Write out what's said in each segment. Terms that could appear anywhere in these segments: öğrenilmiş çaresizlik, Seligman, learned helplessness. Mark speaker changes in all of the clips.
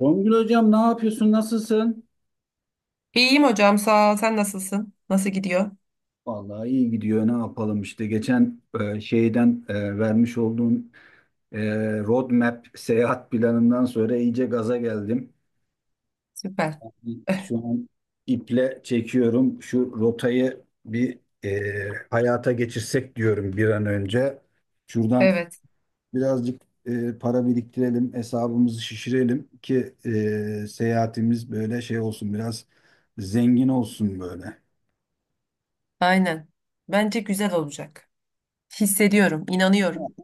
Speaker 1: Songül hocam ne yapıyorsun? Nasılsın?
Speaker 2: İyiyim hocam sağ ol. Sen nasılsın? Nasıl gidiyor?
Speaker 1: Vallahi iyi gidiyor. Ne yapalım işte geçen vermiş olduğun roadmap seyahat planından sonra iyice gaza geldim.
Speaker 2: Süper. Eh,
Speaker 1: Şu an iple çekiyorum. Şu rotayı hayata geçirsek diyorum bir an önce. Şuradan
Speaker 2: Evet,
Speaker 1: birazcık para biriktirelim, hesabımızı şişirelim ki seyahatimiz böyle şey olsun biraz zengin olsun böyle.
Speaker 2: aynen. Bence güzel olacak. Hissediyorum, inanıyorum.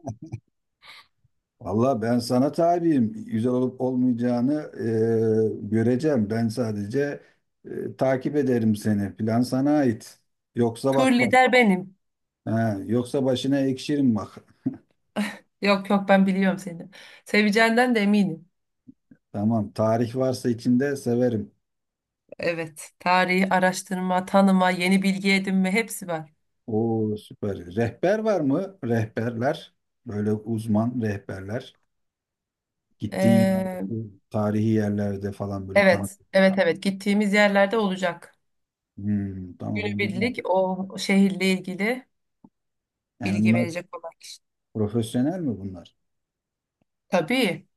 Speaker 1: Valla ben sana tabiyim. Güzel olup olmayacağını göreceğim. Ben sadece takip ederim seni. Plan sana ait. Yoksa
Speaker 2: Tur
Speaker 1: bak bak.
Speaker 2: lider benim.
Speaker 1: Ha, yoksa başına ekşirim bak.
Speaker 2: Yok yok, ben biliyorum seni. Seveceğinden de eminim.
Speaker 1: Tamam. Tarih varsa içinde severim.
Speaker 2: Evet, tarihi araştırma, tanıma, yeni bilgi edinme hepsi var.
Speaker 1: Oo süper. Rehber var mı? Rehberler. Böyle uzman rehberler. Gittiğin
Speaker 2: Ee,
Speaker 1: yerde, tarihi yerlerde falan böyle tanıt.
Speaker 2: evet, evet evet, gittiğimiz yerlerde olacak.
Speaker 1: Hmm, tamam bu güzel.
Speaker 2: Günübirlik o şehirle ilgili
Speaker 1: Yani
Speaker 2: bilgi
Speaker 1: bunlar
Speaker 2: verecek olan kişi.
Speaker 1: profesyonel mi bunlar?
Speaker 2: Tabii,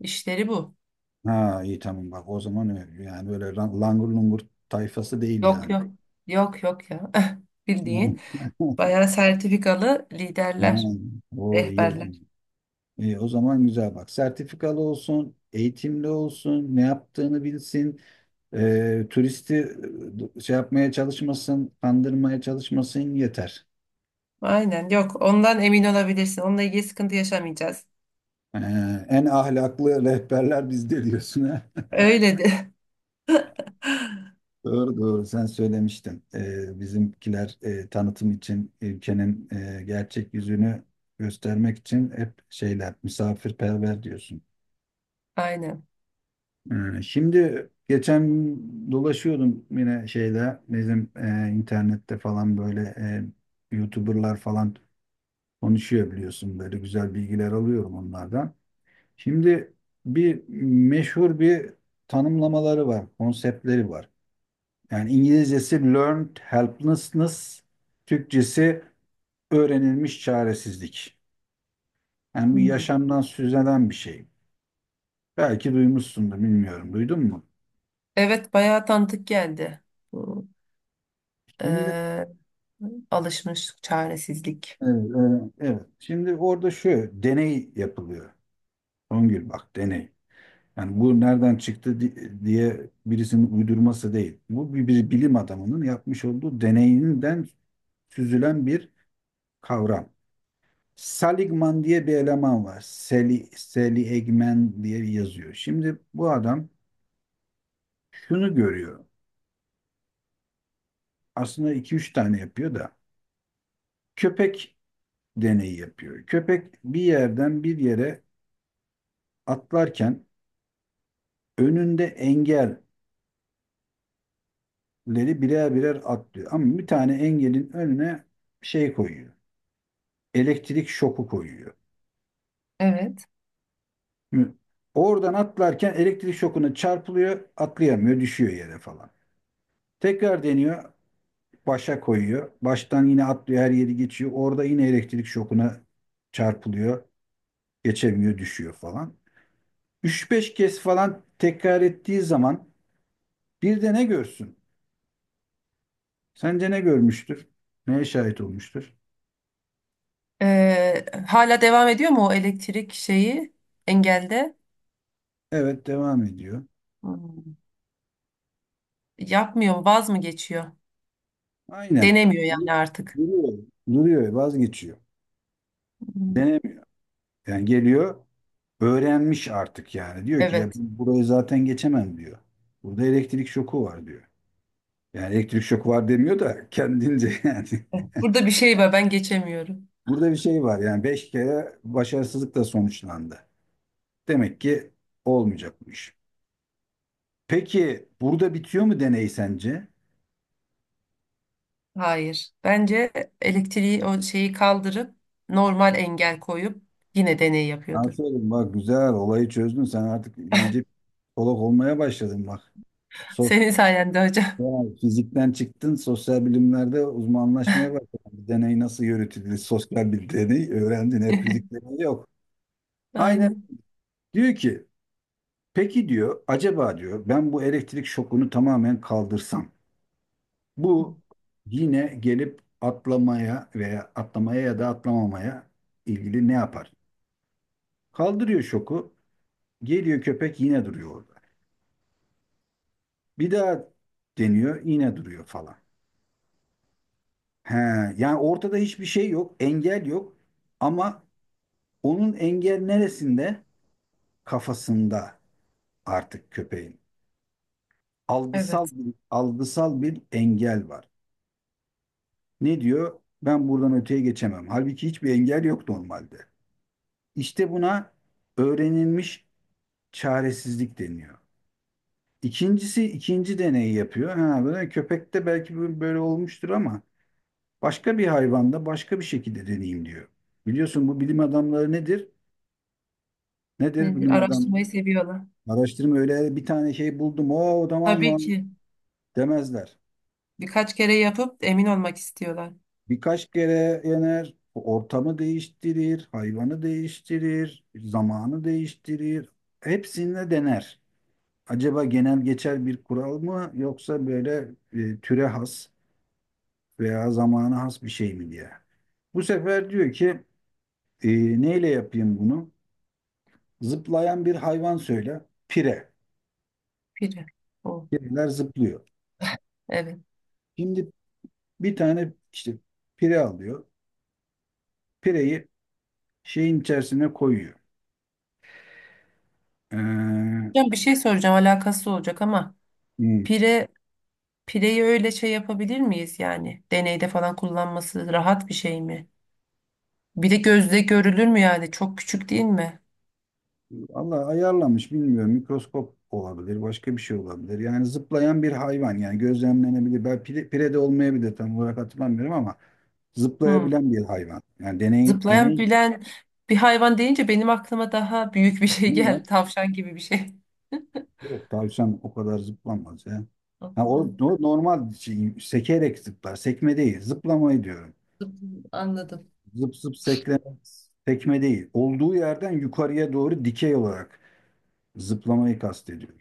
Speaker 2: işleri bu.
Speaker 1: Ha iyi tamam bak o zaman öyle. Yani böyle langur lungur tayfası değil
Speaker 2: Yok
Speaker 1: yani.
Speaker 2: yok. Yok yok ya. Bildiğin. Bayağı sertifikalı
Speaker 1: Ha,
Speaker 2: liderler,
Speaker 1: o iyi o
Speaker 2: rehberler.
Speaker 1: zaman. İyi, o zaman güzel bak. Sertifikalı olsun, eğitimli olsun, ne yaptığını bilsin, turisti kandırmaya çalışmasın yeter.
Speaker 2: Aynen, yok ondan emin olabilirsin. Onunla ilgili sıkıntı yaşamayacağız.
Speaker 1: E, En ahlaklı rehberler bizde diyorsun.
Speaker 2: Öyle de.
Speaker 1: Doğru doğru sen söylemiştin. Bizimkiler tanıtım için ülkenin gerçek yüzünü göstermek için hep şeyler misafirperver diyorsun.
Speaker 2: Aynen.
Speaker 1: Şimdi geçen dolaşıyordum yine şeyde bizim internette falan böyle YouTuber'lar falan konuşuyor biliyorsun böyle güzel bilgiler alıyorum onlardan. Şimdi bir meşhur bir tanımlamaları var, konseptleri var. Yani İngilizcesi learned helplessness, Türkçesi öğrenilmiş çaresizlik. Yani bu
Speaker 2: Hmm.
Speaker 1: yaşamdan süzülen bir şey. Belki duymuşsundur, bilmiyorum. Duydun mu?
Speaker 2: Evet, bayağı tanıdık geldi. Bu
Speaker 1: Şimdi
Speaker 2: eee, alışmış çaresizlik.
Speaker 1: evet. Şimdi orada şu deney yapılıyor. Songül bak deney. Yani bu nereden çıktı diye birisinin uydurması değil. Bu bir bilim adamının yapmış olduğu deneyinden süzülen bir kavram. Seligman diye bir eleman var. Seli Egmen diye yazıyor. Şimdi bu adam şunu görüyor. Aslında iki üç tane yapıyor da. Köpek deneyi yapıyor. Köpek bir yerden bir yere atlarken önünde engelleri birer birer atlıyor. Ama bir tane engelin önüne şey koyuyor. Elektrik şoku koyuyor.
Speaker 2: Evet.
Speaker 1: Şimdi oradan atlarken elektrik şokuna çarpılıyor, atlayamıyor, düşüyor yere falan. Tekrar deniyor. Başa koyuyor. Baştan yine atlıyor her yeri geçiyor. Orada yine elektrik şokuna çarpılıyor. Geçemiyor düşüyor falan. Üç beş kez falan tekrar ettiği zaman bir de ne görsün? Sence ne görmüştür? Neye şahit olmuştur?
Speaker 2: Hala devam ediyor mu o elektrik şeyi engelde?
Speaker 1: Evet devam ediyor.
Speaker 2: Hmm. Yapmıyor mu? Vaz mı geçiyor?
Speaker 1: Aynen.
Speaker 2: Denemiyor yani artık.
Speaker 1: Duruyor. Duruyor vazgeçiyor.
Speaker 2: Hmm.
Speaker 1: Denemiyor. Yani geliyor öğrenmiş artık yani. Diyor ki ya
Speaker 2: Evet.
Speaker 1: burayı zaten geçemem diyor. Burada elektrik şoku var diyor. Yani elektrik şoku var demiyor da kendince yani.
Speaker 2: Burada bir şey var, ben geçemiyorum.
Speaker 1: Burada bir şey var yani beş kere başarısızlıkla sonuçlandı. Demek ki olmayacakmış. Peki burada bitiyor mu deney sence?
Speaker 2: Hayır. Bence elektriği o şeyi kaldırıp normal engel koyup yine deney yapıyordur.
Speaker 1: Aferin bak güzel olayı çözdün sen artık iyice psikolog olmaya başladın bak. so-
Speaker 2: Senin sayende hocam.
Speaker 1: Sosyal fizikten çıktın sosyal bilimlerde uzmanlaşmaya başladın. Bir deney nasıl yürütülür sosyal bir deney öğrendin hep fizik deneyi yok. Aynen
Speaker 2: Aynen.
Speaker 1: diyor ki peki diyor acaba diyor ben bu elektrik şokunu tamamen kaldırsam bu yine gelip atlamaya veya atlamaya ya da atlamamaya ilgili ne yapar? Kaldırıyor şoku. Geliyor köpek yine duruyor orada. Bir daha deniyor yine duruyor falan. He, yani ortada hiçbir şey yok. Engel yok. Ama onun engel neresinde? Kafasında artık köpeğin.
Speaker 2: Evet.
Speaker 1: Algısal bir engel var. Ne diyor? Ben buradan öteye geçemem. Halbuki hiçbir engel yok normalde. İşte buna öğrenilmiş çaresizlik deniyor. İkincisi ikinci deneyi yapıyor. Ha, böyle köpekte belki böyle olmuştur ama başka bir hayvanda başka bir şekilde deneyim diyor. Biliyorsun bu bilim adamları nedir? Nedir
Speaker 2: Nedir?
Speaker 1: bilim adamları?
Speaker 2: Araştırmayı seviyorlar.
Speaker 1: Araştırma öyle bir tane şey buldum. O tamam
Speaker 2: Tabii
Speaker 1: mı?
Speaker 2: ki.
Speaker 1: Demezler.
Speaker 2: Birkaç kere yapıp emin olmak istiyorlar.
Speaker 1: Birkaç kere yener, ortamı değiştirir, hayvanı değiştirir, zamanı değiştirir. Hepsinde dener. Acaba genel geçer bir kural mı yoksa böyle türe has veya zamana has bir şey mi diye. Bu sefer diyor ki neyle yapayım bunu? Zıplayan bir hayvan söyle. Pire.
Speaker 2: Biri. O.
Speaker 1: Pireler zıplıyor.
Speaker 2: Evet.
Speaker 1: Şimdi bir tane işte pire alıyor. Pireyi şeyin içerisine koyuyor. Ee,
Speaker 2: Hocam bir şey soracağım, alakası olacak ama
Speaker 1: hmm,
Speaker 2: pire pireyi öyle şey yapabilir miyiz yani? Deneyde falan kullanması rahat bir şey mi? Bir de gözle görülür mü yani? Çok küçük değil mi?
Speaker 1: Allah ayarlamış bilmiyorum. Mikroskop olabilir. Başka bir şey olabilir. Yani zıplayan bir hayvan. Yani gözlemlenebilir. Ben pire de olmayabilir tam olarak hatırlamıyorum ama
Speaker 2: Hmm.
Speaker 1: zıplayabilen bir hayvan. Yani
Speaker 2: Zıplayan
Speaker 1: deney
Speaker 2: bilen bir hayvan deyince benim aklıma daha büyük bir şey geldi. Tavşan gibi bir şey.
Speaker 1: yok tavşan o kadar zıplamaz ya. Ha, o
Speaker 2: Anladım.
Speaker 1: normal şey, sekerek zıplar. Sekme değil. Zıplamayı diyorum.
Speaker 2: Anladım.
Speaker 1: Zıp zıp sekleme, sekme değil. Olduğu yerden yukarıya doğru dikey olarak zıplamayı kastediyorum.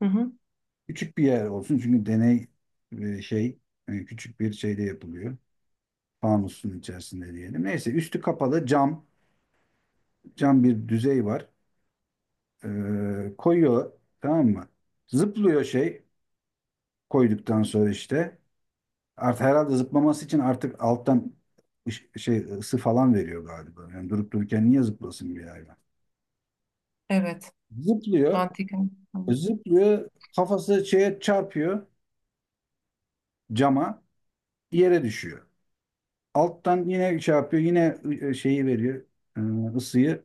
Speaker 2: Hı hı.
Speaker 1: Küçük bir yer olsun çünkü deney e, şey küçük bir şeyde yapılıyor. Fanusun içerisinde diyelim. Neyse üstü kapalı cam bir düzey var. Koyuyor tamam mı? Zıplıyor şey koyduktan sonra işte. Artık herhalde zıplaması için artık alttan şey ısı falan veriyor galiba. Yani durup dururken niye zıplasın bir hayvan?
Speaker 2: Evet.
Speaker 1: Zıplıyor,
Speaker 2: Mantıken.
Speaker 1: zıplıyor, kafası şeye çarpıyor cama, yere düşüyor. Alttan yine şey yapıyor, yine şeyi veriyor, ısıyı.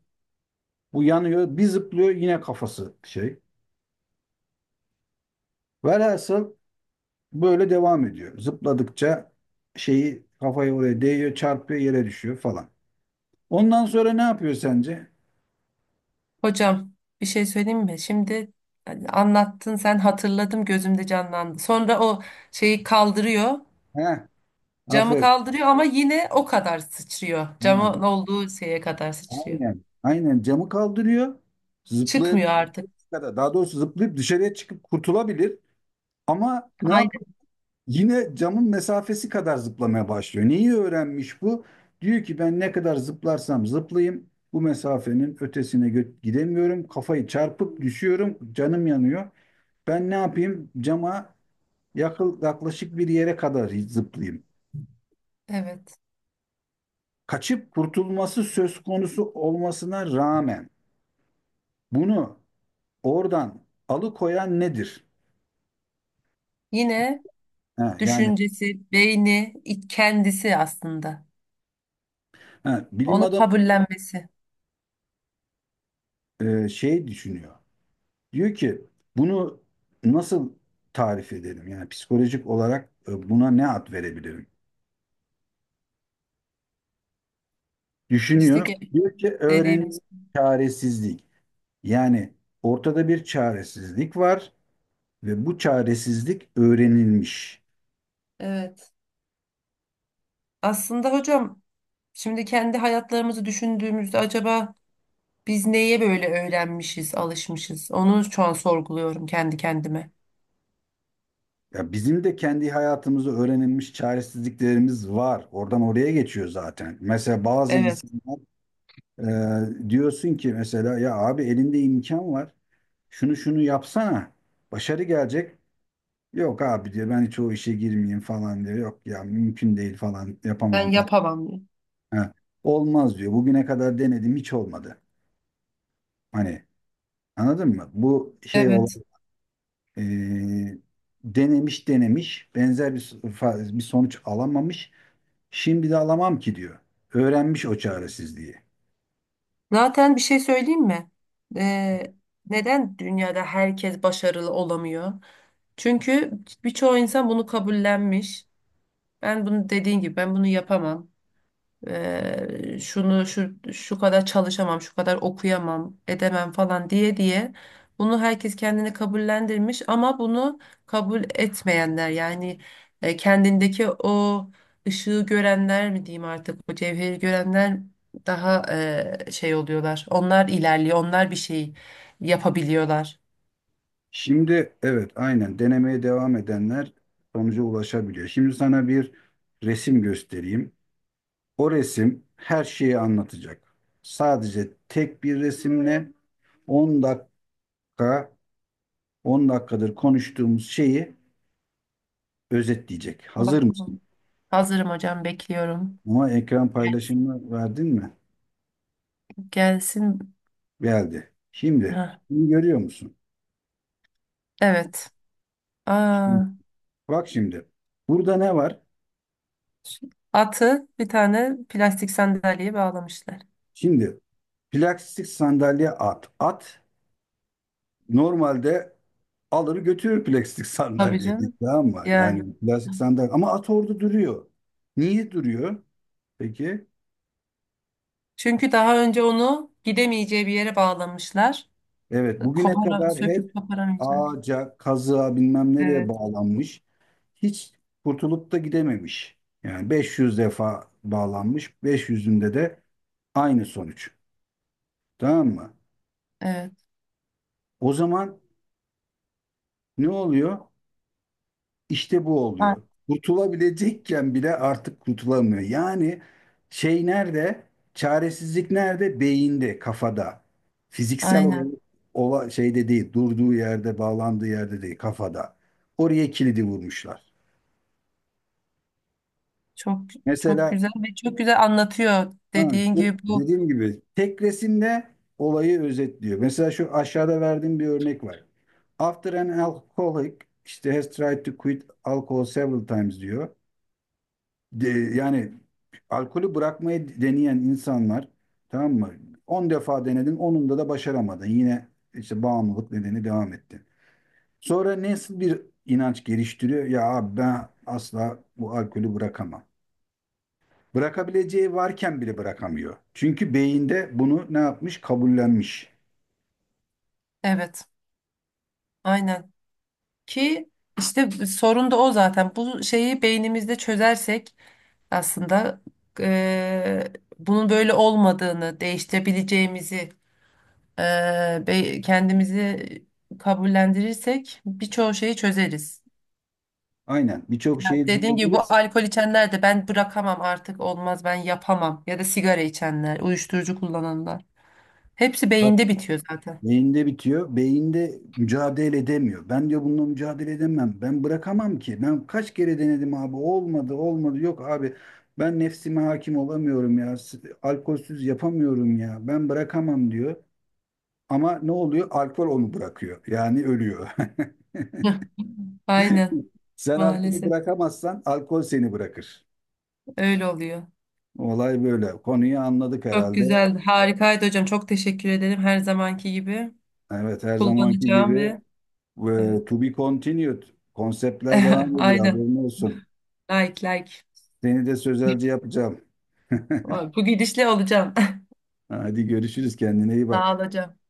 Speaker 1: Bu yanıyor, bir zıplıyor yine kafası şey. Velhasıl böyle devam ediyor. Zıpladıkça şeyi kafayı oraya değiyor, çarpıyor, yere düşüyor falan. Ondan sonra ne yapıyor sence?
Speaker 2: Hocam bir şey söyleyeyim mi? Şimdi hani anlattın, sen hatırladım, gözümde canlandı. Sonra o şeyi kaldırıyor.
Speaker 1: Heh,
Speaker 2: Camı
Speaker 1: aferin.
Speaker 2: kaldırıyor ama yine o kadar sıçrıyor. Camın
Speaker 1: Ha.
Speaker 2: olduğu şeye kadar sıçrıyor.
Speaker 1: Aynen. Aynen camı kaldırıyor. Zıplayabilir
Speaker 2: Çıkmıyor artık.
Speaker 1: kadar. Daha doğrusu zıplayıp dışarıya çıkıp kurtulabilir. Ama ne yapıyor?
Speaker 2: Aynen.
Speaker 1: Yine camın mesafesi kadar zıplamaya başlıyor. Neyi öğrenmiş bu? Diyor ki ben ne kadar zıplarsam zıplayayım bu mesafenin ötesine gidemiyorum. Kafayı çarpıp düşüyorum. Canım yanıyor. Ben ne yapayım? Cama yaklaşık bir yere kadar zıplayayım.
Speaker 2: Evet.
Speaker 1: Kaçıp kurtulması söz konusu olmasına rağmen bunu oradan alıkoyan nedir?
Speaker 2: Yine
Speaker 1: Ha, yani
Speaker 2: düşüncesi, beyni, kendisi aslında.
Speaker 1: ha, Bilim
Speaker 2: Onu
Speaker 1: adamı
Speaker 2: kabullenmesi.
Speaker 1: şey düşünüyor. Diyor ki bunu nasıl tarif edelim? Yani psikolojik olarak buna ne ad verebilirim?
Speaker 2: İşte
Speaker 1: Düşünüyor.
Speaker 2: ge-
Speaker 1: Diyor ki öğrenim
Speaker 2: dediğimiz.
Speaker 1: çaresizlik. Yani ortada bir çaresizlik var ve bu çaresizlik öğrenilmiş.
Speaker 2: Evet. Aslında hocam, şimdi kendi hayatlarımızı düşündüğümüzde acaba biz neye böyle öğrenmişiz, alışmışız? Onu şu an sorguluyorum kendi kendime.
Speaker 1: Ya bizim de kendi hayatımızda öğrenilmiş çaresizliklerimiz var. Oradan oraya geçiyor zaten. Mesela bazı
Speaker 2: Evet.
Speaker 1: insanlar. Diyorsun ki mesela ya abi elinde imkan var. Şunu şunu yapsana. Başarı gelecek. Yok abi diyor ben hiç o işe girmeyeyim falan diyor. Yok ya mümkün değil falan yapamam
Speaker 2: Ben
Speaker 1: falan.
Speaker 2: yapamam diye.
Speaker 1: Ha, olmaz diyor. Bugüne kadar denedim hiç olmadı. Hani anladın mı? Bu şey olan
Speaker 2: Evet.
Speaker 1: e, denemiş denemiş benzer bir, so- fa- bir sonuç alamamış. Şimdi de alamam ki diyor. Öğrenmiş o çaresizliği.
Speaker 2: Zaten bir şey söyleyeyim mi? Ee, neden dünyada herkes başarılı olamıyor? Çünkü birçoğu insan bunu kabullenmiş. Ben bunu, dediğin gibi, ben bunu yapamam. Şunu şu şu kadar çalışamam, şu kadar okuyamam, edemem falan diye diye bunu herkes kendini kabullendirmiş ama bunu kabul etmeyenler yani kendindeki o ışığı görenler mi diyeyim, artık o cevheri görenler daha şey oluyorlar. Onlar ilerliyor, onlar bir şey yapabiliyorlar.
Speaker 1: Şimdi evet aynen denemeye devam edenler sonuca ulaşabiliyor. Şimdi sana bir resim göstereyim. O resim her şeyi anlatacak. Sadece tek bir resimle 10 dakika 10 dakikadır konuştuğumuz şeyi özetleyecek. Hazır mısın?
Speaker 2: Bakalım. Hazırım hocam, bekliyorum.
Speaker 1: Ama ekran
Speaker 2: Gelsin.
Speaker 1: paylaşımını verdin mi?
Speaker 2: Gelsin.
Speaker 1: Geldi. Şimdi
Speaker 2: Heh,
Speaker 1: bunu görüyor musun?
Speaker 2: evet. Aa.
Speaker 1: Şimdi, bak şimdi. Burada ne var?
Speaker 2: Atı bir tane plastik sandalyeye bağlamışlar.
Speaker 1: Şimdi plastik sandalye at. At normalde alır götürür plastik
Speaker 2: Tabii
Speaker 1: sandalyeyi
Speaker 2: canım.
Speaker 1: tamam mı?
Speaker 2: Yani.
Speaker 1: Yani plastik sandalye ama at orada duruyor. Niye duruyor peki?
Speaker 2: Çünkü daha önce onu gidemeyeceği bir yere bağlamışlar.
Speaker 1: Evet bugüne
Speaker 2: Kopara,
Speaker 1: kadar
Speaker 2: söküp
Speaker 1: hep
Speaker 2: koparamayacağı
Speaker 1: ağaca, kazığa bilmem nereye
Speaker 2: evet,
Speaker 1: bağlanmış. Hiç kurtulup da gidememiş. Yani 500 defa bağlanmış. 500'ünde de aynı sonuç. Tamam mı?
Speaker 2: evet.
Speaker 1: O zaman ne oluyor? İşte bu
Speaker 2: A-
Speaker 1: oluyor. Kurtulabilecekken bile artık kurtulamıyor. Yani şey nerede? Çaresizlik nerede? Beyinde, kafada. Fiziksel olarak
Speaker 2: Aynen.
Speaker 1: şeyde değil, durduğu yerde, bağlandığı yerde değil, kafada. Oraya kilidi vurmuşlar.
Speaker 2: Çok çok
Speaker 1: Mesela
Speaker 2: güzel ve çok güzel anlatıyor
Speaker 1: ha,
Speaker 2: dediğin gibi bu.
Speaker 1: dediğim gibi tek resimde olayı özetliyor. Mesela şu aşağıda verdiğim bir örnek var. After an alcoholic işte has tried to quit alcohol several times diyor. De, yani alkolü bırakmayı deneyen insanlar tamam mı? 10 defa denedin, onunda da başaramadın. Yine işte bağımlılık nedeni devam etti. Sonra nasıl bir inanç geliştiriyor? Ya abi ben asla bu alkolü bırakamam. Bırakabileceği varken bile bırakamıyor. Çünkü beyinde bunu ne yapmış? Kabullenmiş.
Speaker 2: Evet, aynen. Ki işte sorun da o zaten. Bu şeyi beynimizde çözersek aslında eee, bunun böyle olmadığını, değiştirebileceğimizi, kendimizi kabullendirirsek birçoğu şeyi çözeriz.
Speaker 1: Aynen. Birçok şeyi
Speaker 2: Dediğim gibi bu
Speaker 1: düşünebiliriz.
Speaker 2: alkol içenler de ben bırakamam artık, olmaz, ben yapamam ya da sigara içenler, uyuşturucu kullananlar. Hepsi beyinde bitiyor zaten.
Speaker 1: Beyinde bitiyor. Beyinde mücadele edemiyor. Ben diyor bununla mücadele edemem. Ben bırakamam ki. Ben kaç kere denedim abi. Olmadı, olmadı. Yok abi. Ben nefsime hakim olamıyorum ya. Alkolsüz yapamıyorum ya. Ben bırakamam diyor. Ama ne oluyor? Alkol onu bırakıyor. Yani ölüyor.
Speaker 2: Hıh, aynen,
Speaker 1: Sen alkolü
Speaker 2: maalesef
Speaker 1: bırakamazsan alkol seni bırakır.
Speaker 2: öyle oluyor.
Speaker 1: Olay böyle. Konuyu anladık
Speaker 2: Çok
Speaker 1: herhalde.
Speaker 2: güzel, harikaydı hocam. Çok teşekkür ederim her zamanki gibi.
Speaker 1: Evet her zamanki gibi
Speaker 2: Kullanacağım ve evet.
Speaker 1: to be continued. Konseptler devam ediyor.
Speaker 2: Aynen.
Speaker 1: Haberin olsun.
Speaker 2: Like like.
Speaker 1: Seni de sözelci yapacağım.
Speaker 2: Vay, bu gidişle olacağım.
Speaker 1: Hadi görüşürüz kendine iyi
Speaker 2: Sağ ol
Speaker 1: bak.
Speaker 2: hocam.